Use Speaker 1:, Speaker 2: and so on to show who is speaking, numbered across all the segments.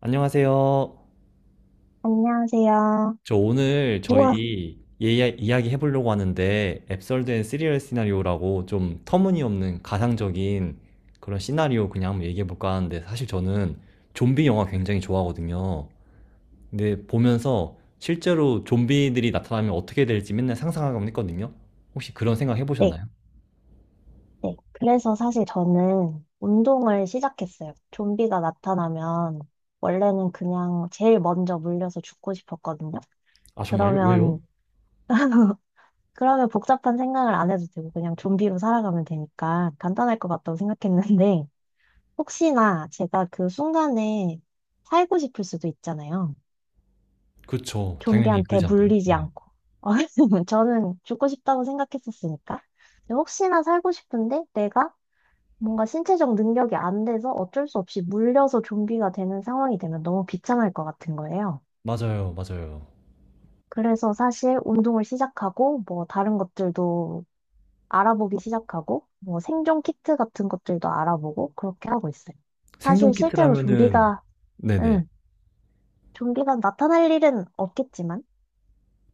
Speaker 1: 안녕하세요.
Speaker 2: 안녕하세요.
Speaker 1: 저 오늘
Speaker 2: 우와,
Speaker 1: 저희 이야기 해보려고 하는데 앱솔드 앤 시리얼 시나리오라고 좀 터무니없는 가상적인 그런 시나리오 그냥 한번 얘기해볼까 하는데 사실 저는 좀비 영화 굉장히 좋아하거든요. 근데 보면서 실제로 좀비들이 나타나면 어떻게 될지 맨날 상상하곤 했거든요. 혹시 그런 생각
Speaker 2: 네,
Speaker 1: 해보셨나요?
Speaker 2: 네. 그래서 사실 저는 운동을 시작했어요. 좀비가 나타나면 원래는 그냥 제일 먼저 물려서 죽고 싶었거든요.
Speaker 1: 아, 정말요?
Speaker 2: 그러면,
Speaker 1: 왜요?
Speaker 2: 그러면 복잡한 생각을 안 해도 되고 그냥 좀비로 살아가면 되니까 간단할 것 같다고 생각했는데 혹시나 제가 그 순간에 살고 싶을 수도 있잖아요.
Speaker 1: 그렇죠. 당연히
Speaker 2: 좀비한테
Speaker 1: 그러지 않을까요?
Speaker 2: 물리지
Speaker 1: 네.
Speaker 2: 않고. 저는 죽고 싶다고 생각했었으니까. 근데 혹시나 살고 싶은데 내가 뭔가 신체적 능력이 안 돼서 어쩔 수 없이 물려서 좀비가 되는 상황이 되면 너무 비참할 것 같은 거예요.
Speaker 1: 맞아요, 맞아요.
Speaker 2: 그래서 사실 운동을 시작하고 뭐 다른 것들도 알아보기 시작하고 뭐 생존 키트 같은 것들도 알아보고 그렇게 하고 있어요. 사실
Speaker 1: 생존
Speaker 2: 실제로
Speaker 1: 키트라면은 네네.
Speaker 2: 응, 좀비가 나타날 일은 없겠지만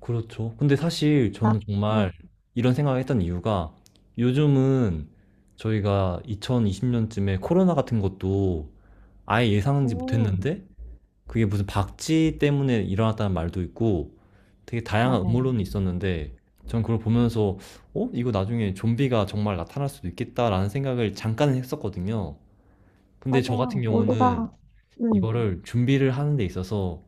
Speaker 1: 그렇죠. 근데 사실
Speaker 2: 나,
Speaker 1: 저는 정말
Speaker 2: 응,
Speaker 1: 이런 생각을 했던 이유가 요즘은 저희가 2020년쯤에 코로나 같은 것도 아예 예상하지
Speaker 2: 음,
Speaker 1: 못했는데 그게 무슨 박쥐 때문에 일어났다는 말도 있고 되게 다양한
Speaker 2: 맞아요.
Speaker 1: 음모론이 있었는데 전 그걸 보면서 어? 이거 나중에 좀비가 정말 나타날 수도 있겠다라는 생각을 잠깐은 했었거든요. 근데 저 같은
Speaker 2: 맞아요.
Speaker 1: 경우는
Speaker 2: 우리가, 응.
Speaker 1: 이거를 준비를 하는 데 있어서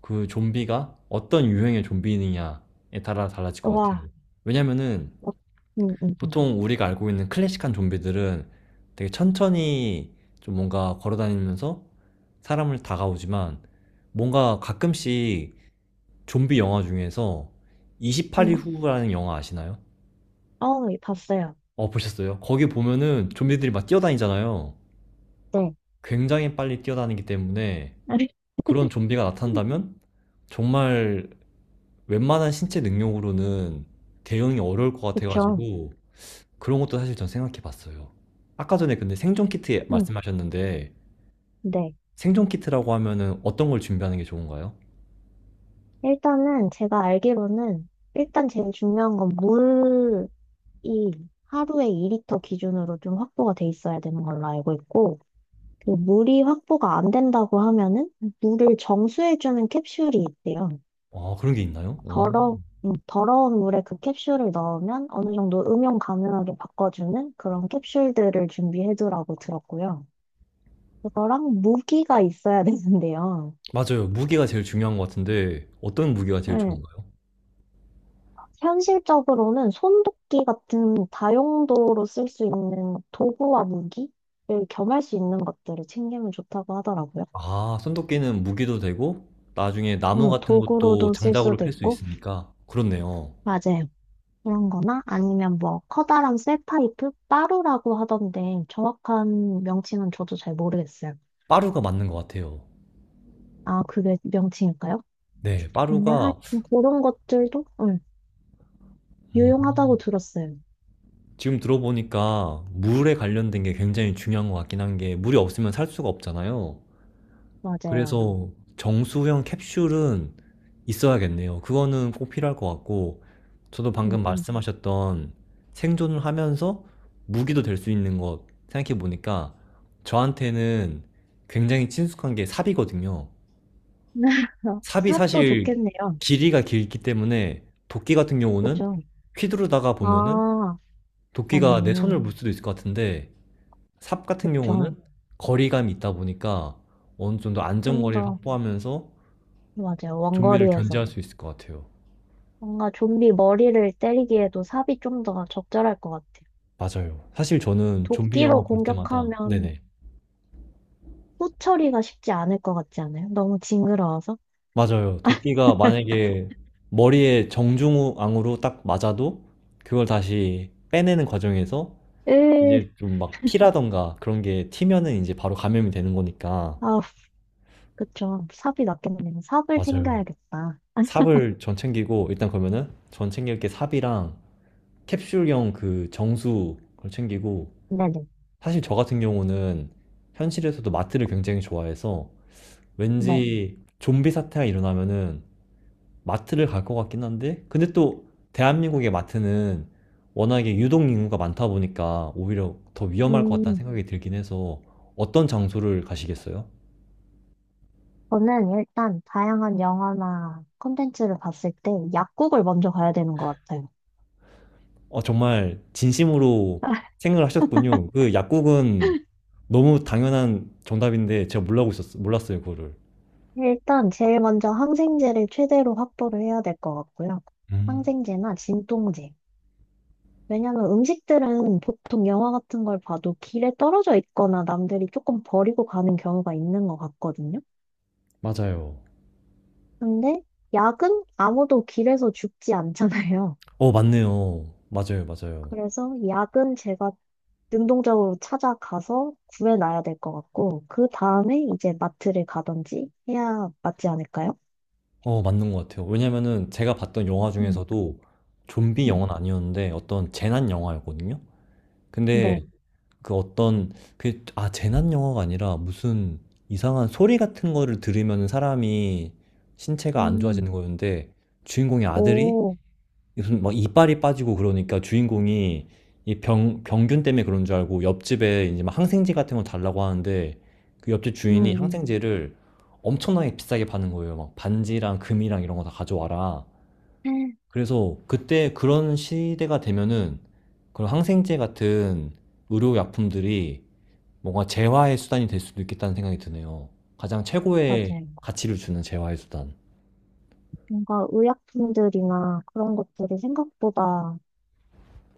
Speaker 1: 그 좀비가 어떤 유형의 좀비느냐에 따라 달라질 것 같아요.
Speaker 2: 와,
Speaker 1: 왜냐면은
Speaker 2: 어, 응응,
Speaker 1: 보통 우리가 알고 있는 클래식한 좀비들은 되게 천천히 좀 뭔가 걸어다니면서 사람을 다가오지만 뭔가 가끔씩 좀비 영화 중에서 28일
Speaker 2: 음,
Speaker 1: 후라는 영화 아시나요?
Speaker 2: 어, 예, 봤어요.
Speaker 1: 어, 보셨어요? 거기 보면은 좀비들이 막 뛰어다니잖아요.
Speaker 2: 네.
Speaker 1: 굉장히 빨리 뛰어다니기 때문에 그런 좀비가 나타난다면 정말 웬만한 신체 능력으로는 대응이 어려울 것
Speaker 2: 그쵸.
Speaker 1: 같아가지고 그런 것도 사실 전 생각해 봤어요. 아까 전에 근데 생존 키트
Speaker 2: 음,
Speaker 1: 말씀하셨는데
Speaker 2: 네.
Speaker 1: 생존 키트라고 하면은 어떤 걸 준비하는 게 좋은가요?
Speaker 2: 일단은 제가 알기로는 일단 제일 중요한 건 물이 하루에 2리터 기준으로 좀 확보가 돼 있어야 되는 걸로 알고 있고 그 물이 확보가 안 된다고 하면은 물을 정수해주는 캡슐이 있대요.
Speaker 1: 아, 그런 게 있나요? 어.
Speaker 2: 더러, 더러운 물에 그 캡슐을 넣으면 어느 정도 음용 가능하게 바꿔주는 그런 캡슐들을 준비해두라고 들었고요. 그거랑 무기가 있어야 되는데요.
Speaker 1: 맞아요. 무기가 제일 중요한 것 같은데 어떤 무기가 제일
Speaker 2: 네.
Speaker 1: 좋은가요?
Speaker 2: 현실적으로는 손도끼 같은 다용도로 쓸 수 있는 도구와 무기를 겸할 수 있는 것들을 챙기면 좋다고 하더라고요.
Speaker 1: 아, 손도끼는 무기도 되고 나중에 나무 같은 것도
Speaker 2: 도구로도 쓸
Speaker 1: 장작으로
Speaker 2: 수도
Speaker 1: 팰 수
Speaker 2: 있고,
Speaker 1: 있으니까 그렇네요.
Speaker 2: 맞아요. 그런 거나 아니면 뭐 커다란 쇠파이프? 빠루라고 하던데 정확한 명칭은 저도 잘 모르겠어요.
Speaker 1: 빠루가 맞는 것 같아요.
Speaker 2: 아, 그게 명칭일까요?
Speaker 1: 네,
Speaker 2: 근데
Speaker 1: 빠루가
Speaker 2: 그런 것들도
Speaker 1: 음,
Speaker 2: 유용하다고 들었어요.
Speaker 1: 지금 들어보니까 물에 관련된 게 굉장히 중요한 것 같긴 한 게 물이 없으면 살 수가 없잖아요.
Speaker 2: 맞아요.
Speaker 1: 그래서 정수형 캡슐은 있어야겠네요. 그거는 꼭 필요할 것 같고 저도
Speaker 2: 음,
Speaker 1: 방금
Speaker 2: 음.
Speaker 1: 말씀하셨던 생존을 하면서 무기도 될 수 있는 것 생각해 보니까 저한테는 굉장히 친숙한 게 삽이거든요. 삽이
Speaker 2: 삽도
Speaker 1: 사실
Speaker 2: 좋겠네요.
Speaker 1: 길이가 길기 때문에 도끼 같은 경우는
Speaker 2: 그죠?
Speaker 1: 휘두르다가 보면은
Speaker 2: 아,
Speaker 1: 도끼가 내 손을
Speaker 2: 맞네.
Speaker 1: 물 수도 있을 것 같은데 삽 같은
Speaker 2: 그쵸.
Speaker 1: 경우는 거리감이 있다 보니까 어느 정도
Speaker 2: 좀
Speaker 1: 안전거리를
Speaker 2: 더,
Speaker 1: 확보하면서
Speaker 2: 맞아요.
Speaker 1: 좀비를
Speaker 2: 원거리에서.
Speaker 1: 견제할 수 있을 것 같아요.
Speaker 2: 뭔가 좀비 머리를 때리기에도 삽이 좀 더 적절할 것 같아요.
Speaker 1: 맞아요. 사실 저는 좀비 영화
Speaker 2: 도끼로
Speaker 1: 볼 때마다,
Speaker 2: 공격하면
Speaker 1: 네네.
Speaker 2: 후 처리가 쉽지 않을 것 같지 않아요? 너무 징그러워서.
Speaker 1: 맞아요. 도끼가 만약에 머리에 정중앙으로 딱 맞아도 그걸 다시 빼내는 과정에서
Speaker 2: 으,
Speaker 1: 이제 좀 막 피라던가 그런 게 튀면은 이제 바로 감염이 되는 거니까.
Speaker 2: 아, 그쵸. 삽이 낫겠네요. 삽을
Speaker 1: 맞아요.
Speaker 2: 챙겨야겠다.
Speaker 1: 삽을 전 챙기고, 일단 그러면은 전 챙길 게 삽이랑 캡슐형 그 정수 그걸 챙기고
Speaker 2: 네네.
Speaker 1: 사실 저 같은 경우는 현실에서도 마트를 굉장히 좋아해서
Speaker 2: 네. 네.
Speaker 1: 왠지 좀비 사태가 일어나면은 마트를 갈 것 같긴 한데 근데 또 대한민국의 마트는 워낙에 유동 인구가 많다 보니까 오히려 더 위험할 것 같다는
Speaker 2: 음,
Speaker 1: 생각이 들긴 해서 어떤 장소를 가시겠어요?
Speaker 2: 저는 일단 다양한 영화나 콘텐츠를 봤을 때 약국을 먼저 가야 되는 것 같아요.
Speaker 1: 어, 정말 진심으로 생각을 하셨군요. 그 약국은 너무 당연한 정답인데 제가 몰랐어요, 그거를.
Speaker 2: 일단 제일 먼저 항생제를 최대로 확보를 해야 될 것 같고요.
Speaker 1: 음.
Speaker 2: 항생제나 진통제. 왜냐하면 음식들은 보통 영화 같은 걸 봐도 길에 떨어져 있거나 남들이 조금 버리고 가는 경우가 있는 것 같거든요.
Speaker 1: 맞아요.
Speaker 2: 근데 약은 아무도 길에서 죽지 않잖아요.
Speaker 1: 어, 맞네요. 맞아요, 맞아요.
Speaker 2: 그래서 약은 제가 능동적으로 찾아가서 구해놔야 될 것 같고, 그 다음에 이제 마트를 가든지 해야 맞지 않을까요?
Speaker 1: 어, 맞는 것 같아요. 왜냐면은 제가 봤던 영화
Speaker 2: 음,
Speaker 1: 중에서도 좀비
Speaker 2: 음.
Speaker 1: 영화는 아니었는데 어떤 재난 영화였거든요.
Speaker 2: 네.
Speaker 1: 근데 그 어떤 그 아, 재난 영화가 아니라 무슨 이상한 소리 같은 거를 들으면 사람이 신체가 안
Speaker 2: 음,
Speaker 1: 좋아지는 거였는데 주인공의 아들이
Speaker 2: 오.
Speaker 1: 무슨 막 이빨이 빠지고 그러니까 주인공이 이 병균 때문에 그런 줄 알고 옆집에 이제 막 항생제 같은 거 달라고 하는데 그 옆집
Speaker 2: 음,
Speaker 1: 주인이
Speaker 2: 음.
Speaker 1: 항생제를 엄청나게 비싸게 파는 거예요. 막 반지랑 금이랑 이런 거 다 가져와라.
Speaker 2: 음,
Speaker 1: 그래서 그때 그런 시대가 되면은 그런 항생제 같은 의료약품들이 뭔가 재화의 수단이 될 수도 있겠다는 생각이 드네요. 가장 최고의
Speaker 2: 맞아요.
Speaker 1: 가치를 주는 재화의 수단.
Speaker 2: 뭔가 의약품들이나 그런 것들이 생각보다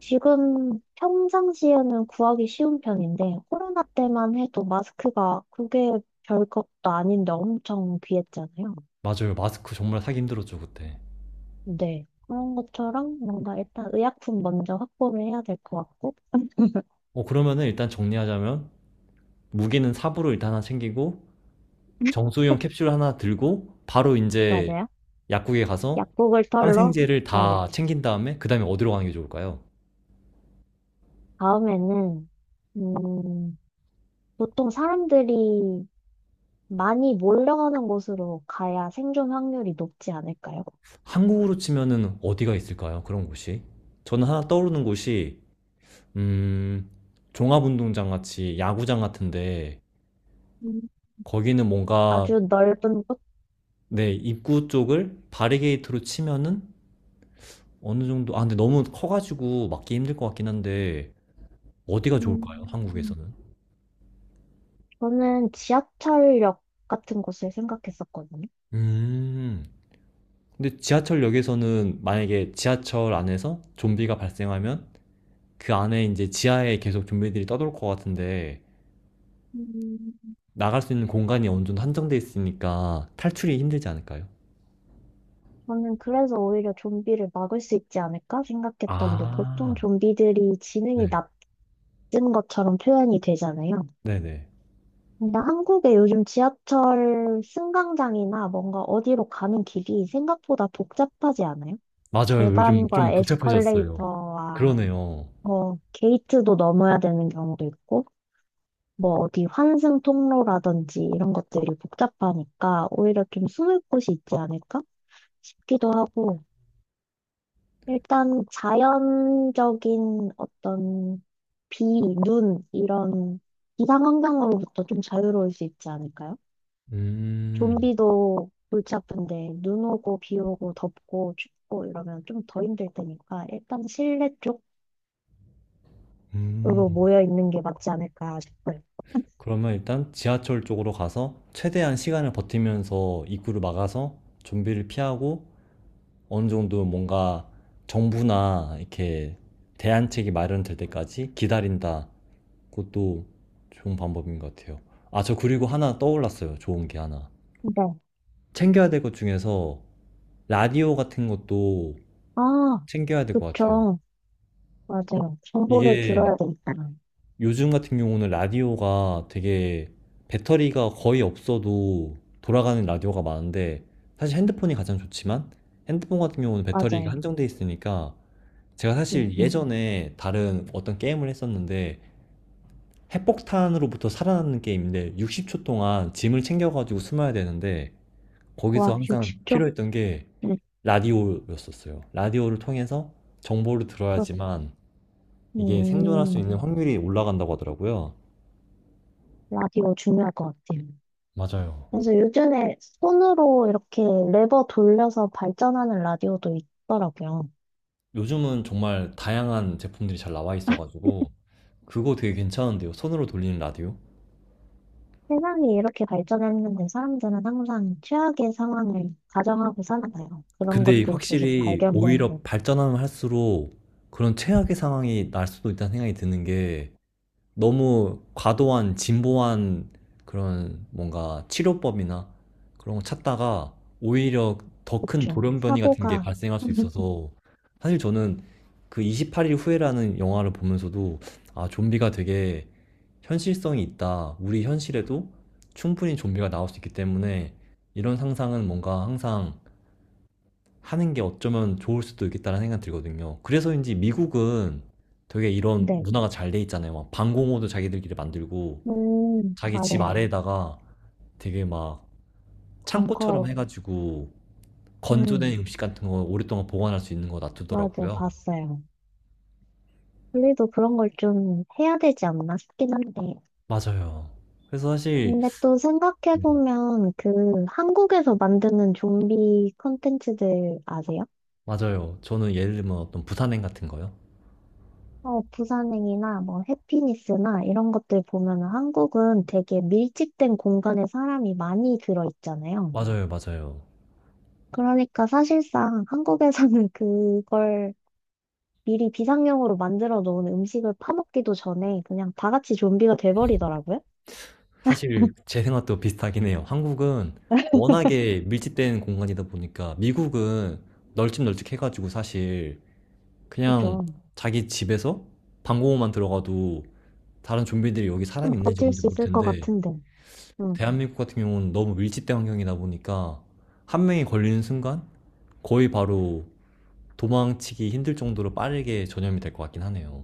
Speaker 2: 지금 평상시에는 구하기 쉬운 편인데 코로나 때만 해도 마스크가 그게 별것도 아닌데 엄청 귀했잖아요.
Speaker 1: 맞아요. 마스크 정말 사기 힘들었죠, 그때.
Speaker 2: 네. 그런 것처럼 뭔가 일단 의약품 먼저 확보를 해야 될 것 같고
Speaker 1: 어, 그러면은 일단 정리하자면 무기는 삽으로 일단 하나 챙기고 정수용 캡슐 하나 들고 바로 이제
Speaker 2: 맞아요.
Speaker 1: 약국에 가서
Speaker 2: 약국을 털러
Speaker 1: 항생제를 다
Speaker 2: 가야겠죠.
Speaker 1: 챙긴 다음에 그 다음에 어디로 가는 게 좋을까요?
Speaker 2: 다음에는 음, 보통 사람들이 많이 몰려가는 곳으로 가야 생존 확률이 높지 않을까요?
Speaker 1: 한국으로 치면은 어디가 있을까요? 그런 곳이? 저는 하나 떠오르는 곳이 음, 종합운동장 같이 야구장 같은데
Speaker 2: 음,
Speaker 1: 거기는 뭔가
Speaker 2: 아주 넓은 곳?
Speaker 1: 네, 입구 쪽을 바리게이트로 치면은 어느 정도 아 근데 너무 커가지고 막기 힘들 것 같긴 한데 어디가 좋을까요?
Speaker 2: 음,
Speaker 1: 한국에서는?
Speaker 2: 저는 지하철역 같은 곳을 생각했었거든요.
Speaker 1: 음. 근데 지하철역에서는 만약에 지하철 안에서 좀비가 발생하면 그 안에 이제 지하에 계속 좀비들이 떠돌 것 같은데
Speaker 2: 음,
Speaker 1: 나갈 수 있는 공간이 어느 정도 한정돼 있으니까 탈출이 힘들지 않을까요?
Speaker 2: 저는 그래서 오히려 좀비를 막을 수 있지 않을까 생각했던 게 보통
Speaker 1: 아,
Speaker 2: 좀비들이 지능이
Speaker 1: 네.
Speaker 2: 낮은 것처럼 표현이 되잖아요.
Speaker 1: 네네.
Speaker 2: 근데 한국의 요즘 지하철 승강장이나 뭔가 어디로 가는 길이 생각보다 복잡하지 않아요?
Speaker 1: 맞아요. 요즘
Speaker 2: 계단과
Speaker 1: 좀 복잡해졌어요.
Speaker 2: 에스컬레이터와
Speaker 1: 그러네요.
Speaker 2: 뭐 게이트도 넘어야 되는 경우도 있고 뭐 어디 환승 통로라든지 이런 것들이 복잡하니까 오히려 좀 숨을 곳이 있지 않을까 싶기도 하고 일단 자연적인 어떤 비, 눈 이런 기상 환경으로부터 좀 자유로울 수 있지 않을까요?
Speaker 1: 음,
Speaker 2: 좀비도 골치 아픈데 눈 오고 비 오고 덥고 춥고 이러면 좀 더 힘들 테니까 일단 실내
Speaker 1: 음.
Speaker 2: 쪽으로 모여 있는 게 맞지 않을까 싶어요.
Speaker 1: 그러면 일단 지하철 쪽으로 가서 최대한 시간을 버티면서 입구를 막아서 좀비를 피하고 어느 정도 뭔가 정부나 이렇게 대안책이 마련될 때까지 기다린다. 그것도 좋은 방법인 것 같아요. 아, 저 그리고 하나 떠올랐어요. 좋은 게 하나.
Speaker 2: 네.
Speaker 1: 챙겨야 될 것 중에서 라디오 같은 것도
Speaker 2: 아,
Speaker 1: 챙겨야 될 것 같아요.
Speaker 2: 그쵸. 맞아요. 정보를
Speaker 1: 이게
Speaker 2: 들어야 되니까.
Speaker 1: 요즘 같은 경우는 라디오가 되게 배터리가 거의 없어도 돌아가는 라디오가 많은데 사실 핸드폰이 가장 좋지만 핸드폰 같은 경우는 배터리가
Speaker 2: 맞아요.
Speaker 1: 한정돼 있으니까 제가
Speaker 2: 음,
Speaker 1: 사실
Speaker 2: 음.
Speaker 1: 예전에 다른 어떤 게임을 했었는데 핵폭탄으로부터 살아나는 게임인데 60초 동안 짐을 챙겨가지고 숨어야 되는데
Speaker 2: 와,
Speaker 1: 거기서 항상
Speaker 2: 60초?
Speaker 1: 필요했던 게
Speaker 2: 음,
Speaker 1: 라디오였었어요. 라디오를 통해서 정보를
Speaker 2: 그렇-
Speaker 1: 들어야지만 이게 생존할 수
Speaker 2: 음,
Speaker 1: 있는 확률이 올라간다고 하더라고요.
Speaker 2: 라디오 중요할 것 같아요.
Speaker 1: 맞아요.
Speaker 2: 그래서 요즘에 손으로 이렇게 레버 돌려서 발전하는 라디오도 있더라고요.
Speaker 1: 요즘은 정말 다양한 제품들이 잘 나와 있어가지고 그거 되게 괜찮은데요. 손으로 돌리는 라디오?
Speaker 2: 세상이 이렇게 발전했는데 사람들은 항상 최악의 상황을 가정하고 살아가요. 그런
Speaker 1: 근데
Speaker 2: 것들이 계속
Speaker 1: 확실히
Speaker 2: 발견되는
Speaker 1: 오히려
Speaker 2: 거죠.
Speaker 1: 발전하면 할수록 그런 최악의 상황이 날 수도 있다는 생각이 드는 게 너무 과도한 진보한 그런 뭔가 치료법이나 그런 거 찾다가 오히려 더
Speaker 2: 그렇
Speaker 1: 큰
Speaker 2: 죠
Speaker 1: 돌연변이 같은 게
Speaker 2: 사고가,
Speaker 1: 발생할 수 있어서 사실 저는 그 28일 후에라는 영화를 보면서도 아, 좀비가 되게 현실성이 있다. 우리 현실에도 충분히 좀비가 나올 수 있기 때문에 이런 상상은 뭔가 항상 하는 게 어쩌면 좋을 수도 있겠다는 생각이 들거든요. 그래서인지 미국은 되게 이런
Speaker 2: 네.
Speaker 1: 문화가 잘 돼 있잖아요. 막 방공호도 자기들끼리 만들고 자기 집
Speaker 2: 맞아요.
Speaker 1: 아래에다가 되게 막 창고처럼
Speaker 2: 벙커,
Speaker 1: 해가지고
Speaker 2: 음,
Speaker 1: 건조된 음식 같은 거 오랫동안 보관할 수 있는 거
Speaker 2: 맞아요.
Speaker 1: 놔두더라고요.
Speaker 2: 봤어요. 우리도 그런 걸 좀 해야 되지 않나 싶긴 한데.
Speaker 1: 맞아요. 그래서 사실
Speaker 2: 근데 또 생각해보면 그 한국에서 만드는 좀비 콘텐츠들 아세요?
Speaker 1: 맞아요. 저는 예를 들면 어떤 부산행 같은 거요.
Speaker 2: 어, 부산행이나 뭐 해피니스나 이런 것들 보면 한국은 되게 밀집된 공간에 사람이 많이 들어있잖아요.
Speaker 1: 맞아요, 맞아요.
Speaker 2: 그러니까 사실상 한국에서는 그걸 미리 비상용으로 만들어 놓은 음식을 파먹기도 전에 그냥 다 같이 좀비가 돼버리더라고요.
Speaker 1: 사실 제 생각도 비슷하긴 해요. 한국은 워낙에 밀집된 공간이다 보니까 미국은 널찍널찍해가지고 사실 그냥
Speaker 2: 좀,
Speaker 1: 자기 집에서 방공호만 들어가도 다른 좀비들이 여기
Speaker 2: 좀
Speaker 1: 사람이 있는지
Speaker 2: 버틸
Speaker 1: 없는지
Speaker 2: 수
Speaker 1: 모를
Speaker 2: 있을 것
Speaker 1: 텐데
Speaker 2: 같은데. 음.
Speaker 1: 대한민국 같은 경우는 너무 밀집된 환경이다 보니까 한 명이 걸리는 순간 거의 바로 도망치기 힘들 정도로 빠르게 전염이 될 것 같긴 하네요.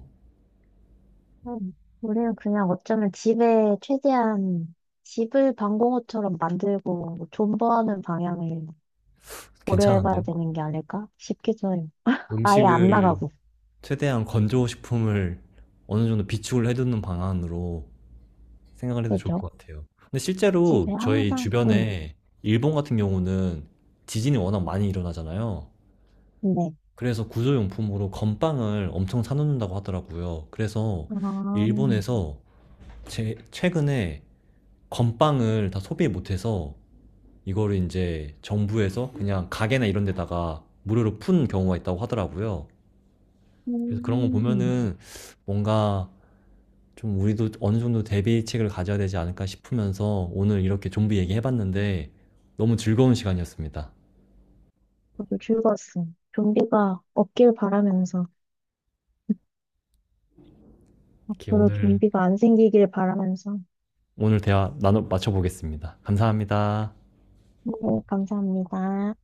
Speaker 2: 음, 우리는 그냥 어쩌면 집에 최대한 집을 방공호처럼 만들고 뭐 존버하는 방향을 고려해봐야
Speaker 1: 괜찮은데요?
Speaker 2: 되는 게 아닐까 싶기도 해요. 아예 안
Speaker 1: 음식을
Speaker 2: 나가고,
Speaker 1: 최대한 건조 식품을 어느 정도 비축을 해두는 방안으로 생각을 해도 좋을
Speaker 2: 그죠?
Speaker 1: 것 같아요. 근데
Speaker 2: 집에
Speaker 1: 실제로 저희
Speaker 2: 항상, 응,
Speaker 1: 주변에 일본 같은 경우는 지진이 워낙 많이 일어나잖아요.
Speaker 2: 네.
Speaker 1: 그래서 구조용품으로 건빵을 엄청 사놓는다고 하더라고요. 그래서
Speaker 2: 아,
Speaker 1: 일본에서 최근에 건빵을 다 소비 못해서 이거를 이제 정부에서 그냥 가게나 이런 데다가 무료로 푼 경우가 있다고 하더라고요. 그래서 그런 거
Speaker 2: 음,
Speaker 1: 보면은 뭔가 좀 우리도 어느 정도 대비책을 가져야 되지 않을까 싶으면서 오늘 이렇게 좀비 얘기해봤는데 너무 즐거운 시간이었습니다.
Speaker 2: 저도 즐거웠어. 좀비가 없길 바라면서,
Speaker 1: 이렇게
Speaker 2: 앞으로
Speaker 1: 오늘,
Speaker 2: 좀비가 안 생기길 바라면서.
Speaker 1: 오늘 대화 나눠 맞춰보겠습니다. 감사합니다.
Speaker 2: 네, 감사합니다.